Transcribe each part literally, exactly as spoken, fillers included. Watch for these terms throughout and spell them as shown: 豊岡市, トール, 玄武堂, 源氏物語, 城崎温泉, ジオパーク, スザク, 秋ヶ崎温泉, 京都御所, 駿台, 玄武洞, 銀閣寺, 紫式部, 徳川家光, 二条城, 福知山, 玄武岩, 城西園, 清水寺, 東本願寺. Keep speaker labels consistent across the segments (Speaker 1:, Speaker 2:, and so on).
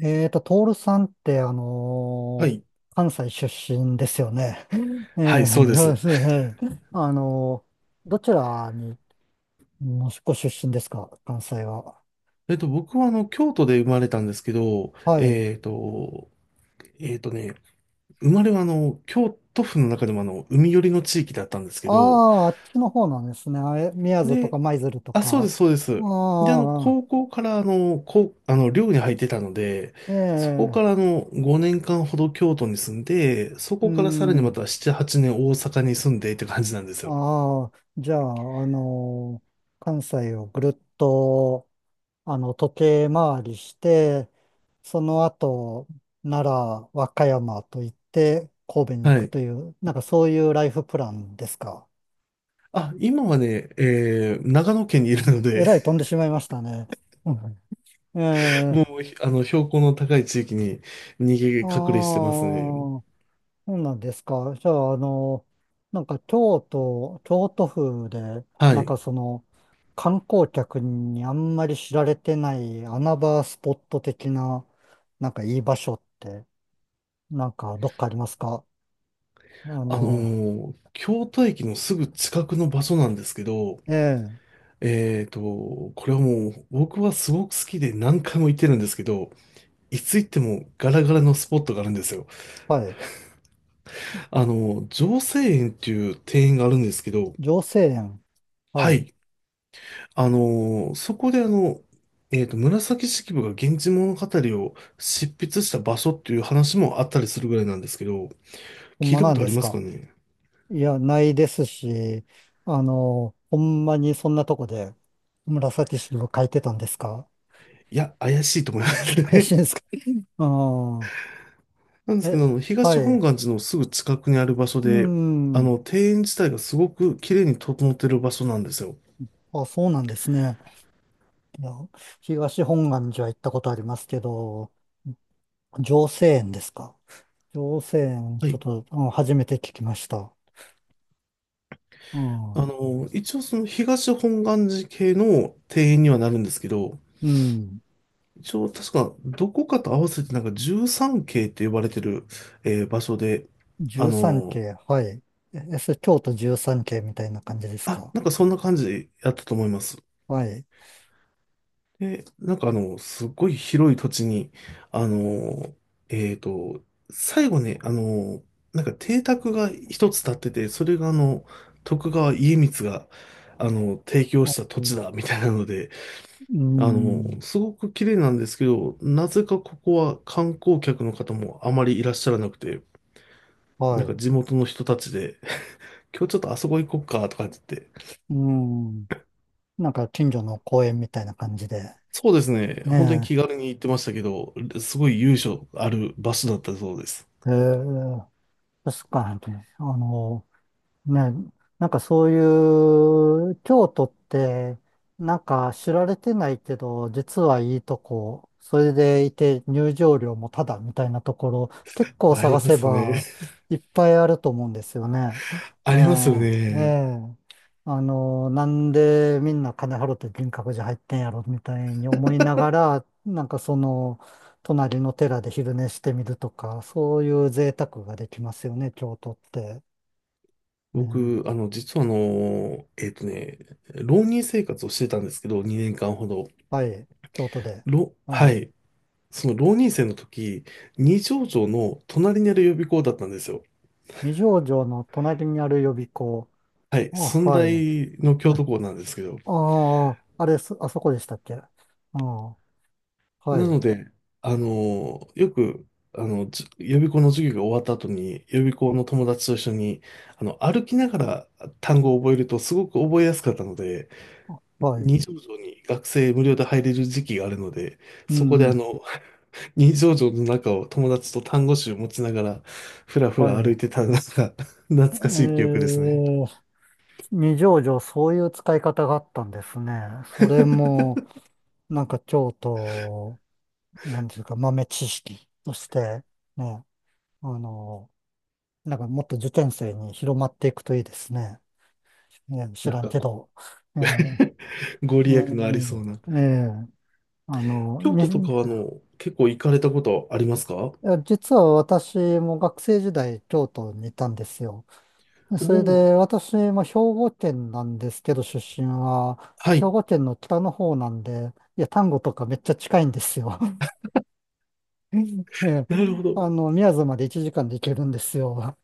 Speaker 1: えーと、トールさんって、あ
Speaker 2: は
Speaker 1: のー
Speaker 2: い。
Speaker 1: 関西出身ですよね。
Speaker 2: は
Speaker 1: え
Speaker 2: い、そうで
Speaker 1: ーそうで
Speaker 2: す。
Speaker 1: すね。あのーどちらに、もしご出身ですか、関西は。
Speaker 2: えっと、僕はあの、京都で生まれたんですけど、
Speaker 1: はい。
Speaker 2: えっと、えっとね、生まれはあの、京都府の中でもあの、海寄りの地域だったんですけ
Speaker 1: あ
Speaker 2: ど、
Speaker 1: あ、あっちの方なんですね。あえ宮津と
Speaker 2: で、
Speaker 1: か舞鶴と
Speaker 2: あ、そうで
Speaker 1: か。
Speaker 2: す、そうで
Speaker 1: あ
Speaker 2: す。で、あの、
Speaker 1: あ、
Speaker 2: 高校からあの、こう、あの、寮に入ってたので、そこ
Speaker 1: え
Speaker 2: からあ
Speaker 1: え。
Speaker 2: の、ごねんかんほど京都に住んで、そ
Speaker 1: う
Speaker 2: こからさらにま
Speaker 1: ん。
Speaker 2: たなな、はちねん大阪に住んでって感じなんですよ。
Speaker 1: ああ、じゃあ、あのー関西をぐるっとあの、時計回りして、その後、奈良、和歌山と行って、神戸に行
Speaker 2: は
Speaker 1: く
Speaker 2: い。
Speaker 1: という、なんかそういうライフプランですか？
Speaker 2: あ、今はね、えー、長野県にいるの
Speaker 1: え
Speaker 2: で
Speaker 1: らい飛んでしまいましたね。うん。え
Speaker 2: も
Speaker 1: え。
Speaker 2: う、ひあの、標高の高い地域に逃げ
Speaker 1: ああー、
Speaker 2: 隠れしてますね。
Speaker 1: そうなんですか。じゃあ、あの、なんか京都、京都府で、
Speaker 2: は
Speaker 1: なん
Speaker 2: い。
Speaker 1: かその、観光客にあんまり知られてない穴場スポット的な、なんかいい場所って、なんかどっかありますか？あ
Speaker 2: あの
Speaker 1: の、
Speaker 2: ー京都駅のすぐ近くの場所なんですけど、
Speaker 1: ええ、
Speaker 2: えーと、これはもう僕はすごく好きで何回も行ってるんですけど、いつ行ってもガラガラのスポットがあるんですよ。
Speaker 1: はい。
Speaker 2: あの、城西園っていう庭園があるんですけど、
Speaker 1: 女性園。は
Speaker 2: は
Speaker 1: い。
Speaker 2: い。あのーそこであの、えーと、紫式部が源氏物語を執筆した場所っていう話もあったりするぐらいなんですけど、
Speaker 1: ほん
Speaker 2: 聞い
Speaker 1: ま
Speaker 2: たこ
Speaker 1: なん
Speaker 2: とあ
Speaker 1: で
Speaker 2: り
Speaker 1: す
Speaker 2: ますか
Speaker 1: か？
Speaker 2: ね？
Speaker 1: いや、ないですし、あの、ほんまにそんなとこで紫式部書いてたんですか？
Speaker 2: いや、怪しいと思います
Speaker 1: 怪しい
Speaker 2: ね。
Speaker 1: んですか？ああ、
Speaker 2: なんですけ
Speaker 1: え、
Speaker 2: ど、あの、
Speaker 1: はい。
Speaker 2: 東本
Speaker 1: う
Speaker 2: 願寺のすぐ近くにある場所
Speaker 1: ー
Speaker 2: で、あ
Speaker 1: ん。
Speaker 2: の、庭園自体がすごく綺麗に整ってる場所なんですよ。
Speaker 1: あ、そうなんですね。いや、東本願寺は行ったことありますけど、浄世園ですか。浄世園、
Speaker 2: は
Speaker 1: ちょっ
Speaker 2: い。
Speaker 1: と、うん、初めて聞きました。うん。
Speaker 2: あの、一応その東本願寺系の庭園にはなるんですけど、
Speaker 1: うん。
Speaker 2: 一応確かどこかと合わせてなんかじゅうさん系って呼ばれてる、えー場所で、あ
Speaker 1: 十三
Speaker 2: の、
Speaker 1: 系、はい。え、え、それ京都十三系みたいな感じです
Speaker 2: あ、
Speaker 1: か？
Speaker 2: なんかそんな感じやったと思います。
Speaker 1: はい。
Speaker 2: で、なんかあの、すっごい広い土地に、あの、えっと、最後ね、あの、なんか邸宅が一つ建ってて、それがあの、徳川家光が、あの、提供した土
Speaker 1: うん、
Speaker 2: 地だ、みたいなので、
Speaker 1: う
Speaker 2: あの、
Speaker 1: ん。
Speaker 2: すごく綺麗なんですけど、なぜかここは観光客の方もあまりいらっしゃらなくて、な
Speaker 1: は
Speaker 2: んか
Speaker 1: い。
Speaker 2: 地元の人たちで、今日ちょっとあそこ行こっか、とかって言って、
Speaker 1: うん。なんか近所の公園みたいな感じで。
Speaker 2: そうですね、本当に
Speaker 1: ね
Speaker 2: 気軽に行ってましたけど、すごい由緒ある場所だったそうです。
Speaker 1: え。えー、確かに、あの、ね、なんかそういう、京都って、なんか知られてないけど、実はいいとこ、それでいて入場料もタダみたいなところ、結構
Speaker 2: あ
Speaker 1: 探
Speaker 2: りま
Speaker 1: せ
Speaker 2: すね。
Speaker 1: ば いっぱいあると思うんですよね。え
Speaker 2: ありますよ
Speaker 1: え、え
Speaker 2: ね。
Speaker 1: え。あの、なんでみんな金払って銀閣寺入ってんやろみたいに思いながら、なんかその、隣の寺で昼寝してみるとか、そういう贅沢ができますよね、京都って。ね。
Speaker 2: 僕、あの、実はあの、えっとね、浪人生活をしてたんですけど、にねんかんほど。
Speaker 1: はい、京都で。
Speaker 2: ろ、
Speaker 1: は
Speaker 2: は
Speaker 1: い。
Speaker 2: い。その浪人生の時、二条城の隣にある予備校だったんですよ。
Speaker 1: 二条城の隣にある予備校。
Speaker 2: はい。
Speaker 1: あ、
Speaker 2: 駿
Speaker 1: はい。
Speaker 2: 台の京
Speaker 1: あ
Speaker 2: 都校なんですけど。
Speaker 1: あー、あれす、あそこでしたっけ？ああー、は
Speaker 2: なの
Speaker 1: い、
Speaker 2: で、あの、よく、あの、じ予備校の授業が終わった後に、予備校の友達と一緒に、あの、歩きながら単語を覚えるとすごく覚えやすかったので、
Speaker 1: はい。
Speaker 2: 二条城に学生無料で入れる時期があるので、
Speaker 1: う
Speaker 2: そこであ
Speaker 1: ん、
Speaker 2: の、二条城の中を友達と単語集を持ちながら、ふらふ
Speaker 1: はい。
Speaker 2: ら歩い
Speaker 1: え
Speaker 2: てたのが 懐かしい記憶ですね。
Speaker 1: ー、二条城、そういう使い方があったんですね。それ も、なんか京都、なんていうか、豆知識として、ね、あの、なんかもっと受験生に広まっていくといいですね。ね、知
Speaker 2: なん
Speaker 1: らん
Speaker 2: か
Speaker 1: け
Speaker 2: こ
Speaker 1: ど。え。
Speaker 2: う、ご利益のありそ
Speaker 1: え。
Speaker 2: うな。
Speaker 1: え。え。え。あの、
Speaker 2: 京
Speaker 1: に、
Speaker 2: 都とか
Speaker 1: い
Speaker 2: はあの、結構行かれたことありますか？お
Speaker 1: や、実は私も学生時代京都にいたんですよ。
Speaker 2: お
Speaker 1: それ
Speaker 2: ー、
Speaker 1: で私も兵庫県なんですけど出身は、
Speaker 2: は
Speaker 1: 兵
Speaker 2: い。
Speaker 1: 庫県の北の方なんで、いや、丹後とかめっちゃ近いんですよ。ええ、
Speaker 2: なるほど。
Speaker 1: あの、宮津までいちじかんで行けるんですよ。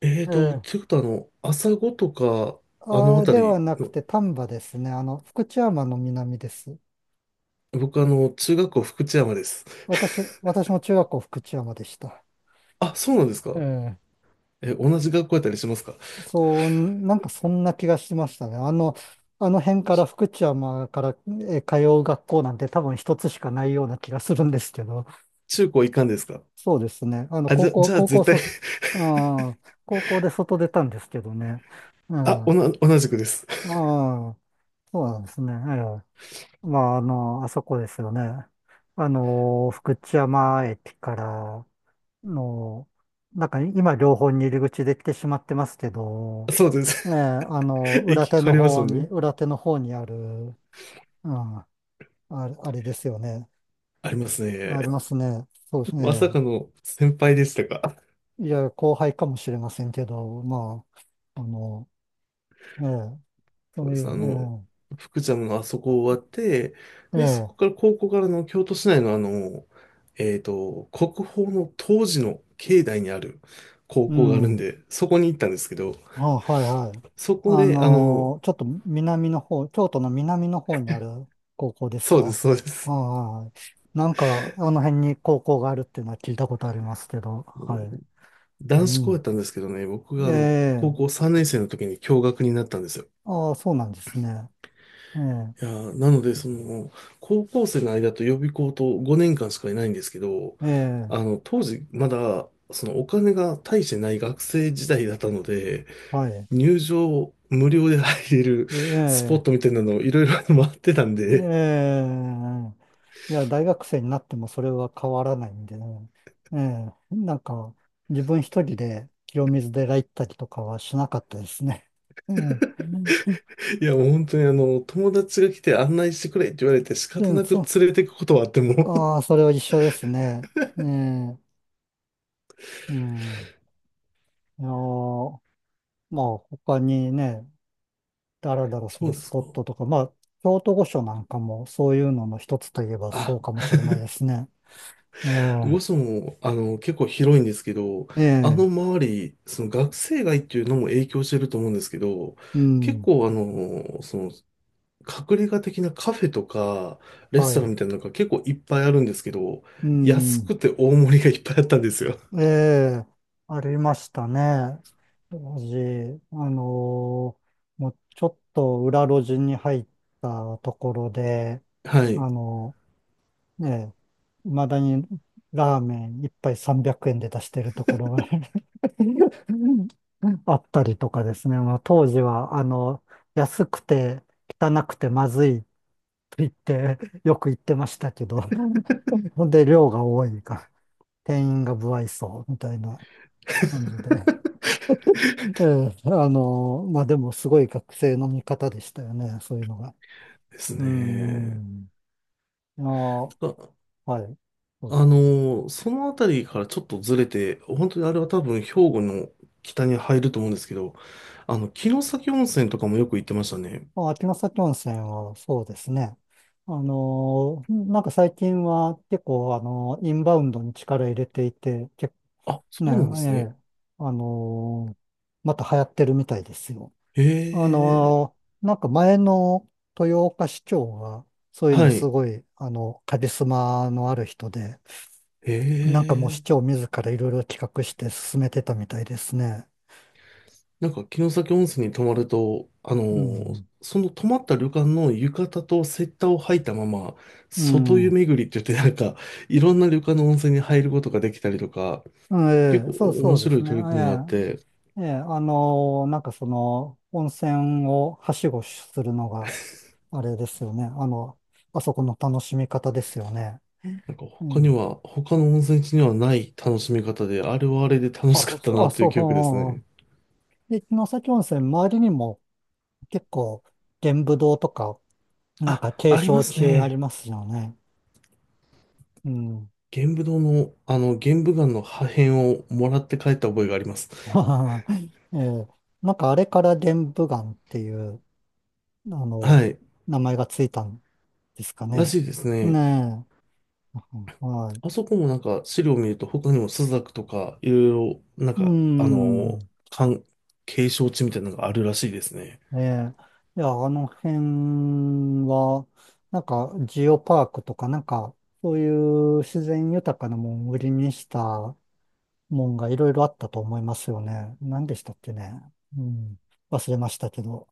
Speaker 2: えー
Speaker 1: え
Speaker 2: と、
Speaker 1: え、
Speaker 2: ということはあの、朝子とか、あの
Speaker 1: あ、で
Speaker 2: 辺
Speaker 1: は
Speaker 2: り
Speaker 1: なく
Speaker 2: の、
Speaker 1: て丹波ですね。あの、福知山の南です。
Speaker 2: 僕あの、中学校福知山です。
Speaker 1: 私、私も中学校福知山でした。
Speaker 2: あ、そうなんですか？
Speaker 1: ええ。
Speaker 2: え、同じ学校やったりしますか？
Speaker 1: そう、なんかそんな気がしましたね。あの、あの辺から福知山から、え、通う学校なんて多分一つしかないような気がするんですけど、
Speaker 2: 中高一貫ですか？
Speaker 1: そうですね。あの、
Speaker 2: あ、じ
Speaker 1: 高
Speaker 2: ゃ、
Speaker 1: 校、
Speaker 2: じゃあ
Speaker 1: 高校
Speaker 2: 絶対。
Speaker 1: そ、うん、高校で外出たんですけどね。うん、
Speaker 2: あ、お
Speaker 1: あ
Speaker 2: な、同じくです。
Speaker 1: あ、そうなんですね。ええ。まあ、あの、あそこですよね。あの、福知山駅から、の、なんか今両方に入り口できてしまってますけ ど、
Speaker 2: そうで
Speaker 1: ええ、
Speaker 2: す。
Speaker 1: あの、裏
Speaker 2: 駅
Speaker 1: 手
Speaker 2: 変
Speaker 1: の
Speaker 2: わりますよ
Speaker 1: 方に、
Speaker 2: ね。
Speaker 1: 裏手の方にある、うん、あれ、あれですよね。
Speaker 2: あります
Speaker 1: ありま
Speaker 2: ね。
Speaker 1: すね。そうです
Speaker 2: まさ
Speaker 1: ね。
Speaker 2: かの先輩でしたか？
Speaker 1: いや、後輩かもしれませんけど、まあ、あの、ええ、そ
Speaker 2: そう
Speaker 1: う
Speaker 2: で
Speaker 1: い
Speaker 2: す。あの、
Speaker 1: う、
Speaker 2: 福ちゃんのあそこ終わって、
Speaker 1: ええ、え
Speaker 2: で、そ
Speaker 1: え、
Speaker 2: こから高校からの京都市内のあの、えっと、国宝の当時の境内にある高
Speaker 1: う
Speaker 2: 校があるん
Speaker 1: ん。
Speaker 2: で、そこに行ったんですけど、
Speaker 1: あ、はいはい。
Speaker 2: そこ
Speaker 1: あ
Speaker 2: で、あの、
Speaker 1: のー、ちょっと南の方、京都の南の方にある高校です
Speaker 2: そうで
Speaker 1: か？
Speaker 2: す、そうで
Speaker 1: あ
Speaker 2: す。
Speaker 1: あ、はい。なんか、あの辺に高校があるっていうのは聞いたことありますけど、はい。う
Speaker 2: 男子校やっ
Speaker 1: ん。
Speaker 2: たんですけどね、僕があの、
Speaker 1: え
Speaker 2: 高校
Speaker 1: え。
Speaker 2: さんねん生の時に共学になったんですよ。
Speaker 1: ああ、そうなんですね。ええ。
Speaker 2: いやー、なので、その、高校生の間と予備校とごねんかんしかいないんですけど、
Speaker 1: え
Speaker 2: あ
Speaker 1: え。
Speaker 2: の、当時、まだ、そのお金が大してない学生時代だったので、
Speaker 1: はい。
Speaker 2: 入場無料で入れるスポ
Speaker 1: え
Speaker 2: ット
Speaker 1: え。
Speaker 2: みたいなのをいろいろ回ってたん
Speaker 1: え
Speaker 2: で、
Speaker 1: え。いや、大学生になってもそれは変わらないんでね。ええ、なんか、自分一人で清水寺行ったりとかはしなかったですね。うん。
Speaker 2: いや、もう本当にあの、友達が来て案内してくれって言われて仕
Speaker 1: う
Speaker 2: 方
Speaker 1: ん、
Speaker 2: なく
Speaker 1: そう、
Speaker 2: 連れてくことはあっても、
Speaker 1: ああ、それは一緒ですね。ええ。うん。いやー、まあ、他にね、だらだらす
Speaker 2: そう
Speaker 1: る
Speaker 2: で
Speaker 1: ス
Speaker 2: す
Speaker 1: ポッ
Speaker 2: か。
Speaker 1: トとか、まあ、京都御所なんかもそういうのの一つといえばそ
Speaker 2: あ、
Speaker 1: うかもしれないですね。え
Speaker 2: 魚市も、あの、結構広いんですけど、あ
Speaker 1: え。
Speaker 2: の
Speaker 1: ええ。
Speaker 2: 周り、その学生街っていうのも影響してると思うんですけど、
Speaker 1: う
Speaker 2: 結
Speaker 1: ん。
Speaker 2: 構あの、その、隠れ家的なカフェとか、レ
Speaker 1: は
Speaker 2: ストラン
Speaker 1: い。
Speaker 2: みたいなのが結構いっぱいあるんですけど、
Speaker 1: う
Speaker 2: 安
Speaker 1: ん。
Speaker 2: くて大盛りがいっぱいあったんですよ。
Speaker 1: ええ、ありましたね。当時、あのーもうちょっと裏路地に入ったところで、
Speaker 2: は
Speaker 1: あ
Speaker 2: い。
Speaker 1: のーねえ、未だにラーメン一杯さんびゃくえんで出してるところが あったりとかですね。まあ、当時は、あの、安くて汚くてまずいと言って、よく言ってましたけど、ほんで量が多いから、店員が不愛想みたいな。感じで。で、あの、まあでもすごい学生の見方でしたよね、そういうのが。
Speaker 2: です
Speaker 1: う
Speaker 2: ね。
Speaker 1: ん。あー、
Speaker 2: あ、
Speaker 1: はい。そうで
Speaker 2: あ
Speaker 1: す。
Speaker 2: のその辺りからちょっとずれて、本当にあれは多分兵庫の北に入ると思うんですけど、あの、城崎温泉とかもよく行ってましたね。
Speaker 1: まあ、秋ヶ崎温泉はそうですね。あのー、なんか最近は結構、あのー、インバウンドに力入れていて、結、
Speaker 2: あ、そ
Speaker 1: ね、
Speaker 2: うなんで
Speaker 1: え
Speaker 2: すね。
Speaker 1: え、あのー、また流行ってるみたいですよ。
Speaker 2: へ
Speaker 1: あ
Speaker 2: え、
Speaker 1: のー、なんか前の豊岡市長が、そういう
Speaker 2: は
Speaker 1: のす
Speaker 2: い。
Speaker 1: ごい、あの、カリスマのある人で、
Speaker 2: へ
Speaker 1: なんかもう市
Speaker 2: え、
Speaker 1: 長自らいろいろ企画して進めてたみたいですね。
Speaker 2: なんか城崎温泉に泊まると、あの
Speaker 1: う
Speaker 2: ー
Speaker 1: ん。
Speaker 2: その泊まった旅館の浴衣とセッターを履いたまま、
Speaker 1: う
Speaker 2: 外
Speaker 1: ん。
Speaker 2: 湯巡りって言ってなんか、いろんな旅館の温泉に入ることができたりとか、結
Speaker 1: え
Speaker 2: 構
Speaker 1: え、そうそ
Speaker 2: 面
Speaker 1: うで
Speaker 2: 白
Speaker 1: す
Speaker 2: い
Speaker 1: ね。
Speaker 2: 取り組みがあって、
Speaker 1: ええ、ええ、あのー、なんかその、温泉をはしごするのが、あれですよね。あの、あそこの楽しみ方ですよね。
Speaker 2: なんか
Speaker 1: う
Speaker 2: 他に
Speaker 1: ん。あ、
Speaker 2: は、他の温泉地にはない楽しみ方で、あれはあれで楽しかった
Speaker 1: そ
Speaker 2: な
Speaker 1: あ、
Speaker 2: という記憶です
Speaker 1: そ
Speaker 2: ね。
Speaker 1: う。で、城崎温泉、周りにも結構、玄武洞とか、なん
Speaker 2: あ、
Speaker 1: か景
Speaker 2: ありま
Speaker 1: 勝
Speaker 2: す
Speaker 1: 地あり
Speaker 2: ね。
Speaker 1: ますよね。うん。
Speaker 2: 玄武堂の、あの、玄武岩の破片をもらって帰った覚えがあります。
Speaker 1: あー、えー、なんかあれから玄武岩っていう、あの、
Speaker 2: はい。
Speaker 1: 名前がついたんですか
Speaker 2: らし
Speaker 1: ね。
Speaker 2: いですね。
Speaker 1: ねえ。はい。
Speaker 2: あそこもなんか資料を見ると他にもスザクとかいろいろなん
Speaker 1: うー
Speaker 2: かあのー、
Speaker 1: ん。
Speaker 2: かん、景勝地みたいなのがあるらしいですね。
Speaker 1: ええ。いや、あの辺は、なんかジオパークとか、なんか、そういう自然豊かなもんを売りにしたもんがいろいろあったと思いますよね。何でしたっけね。うん。忘れましたけど。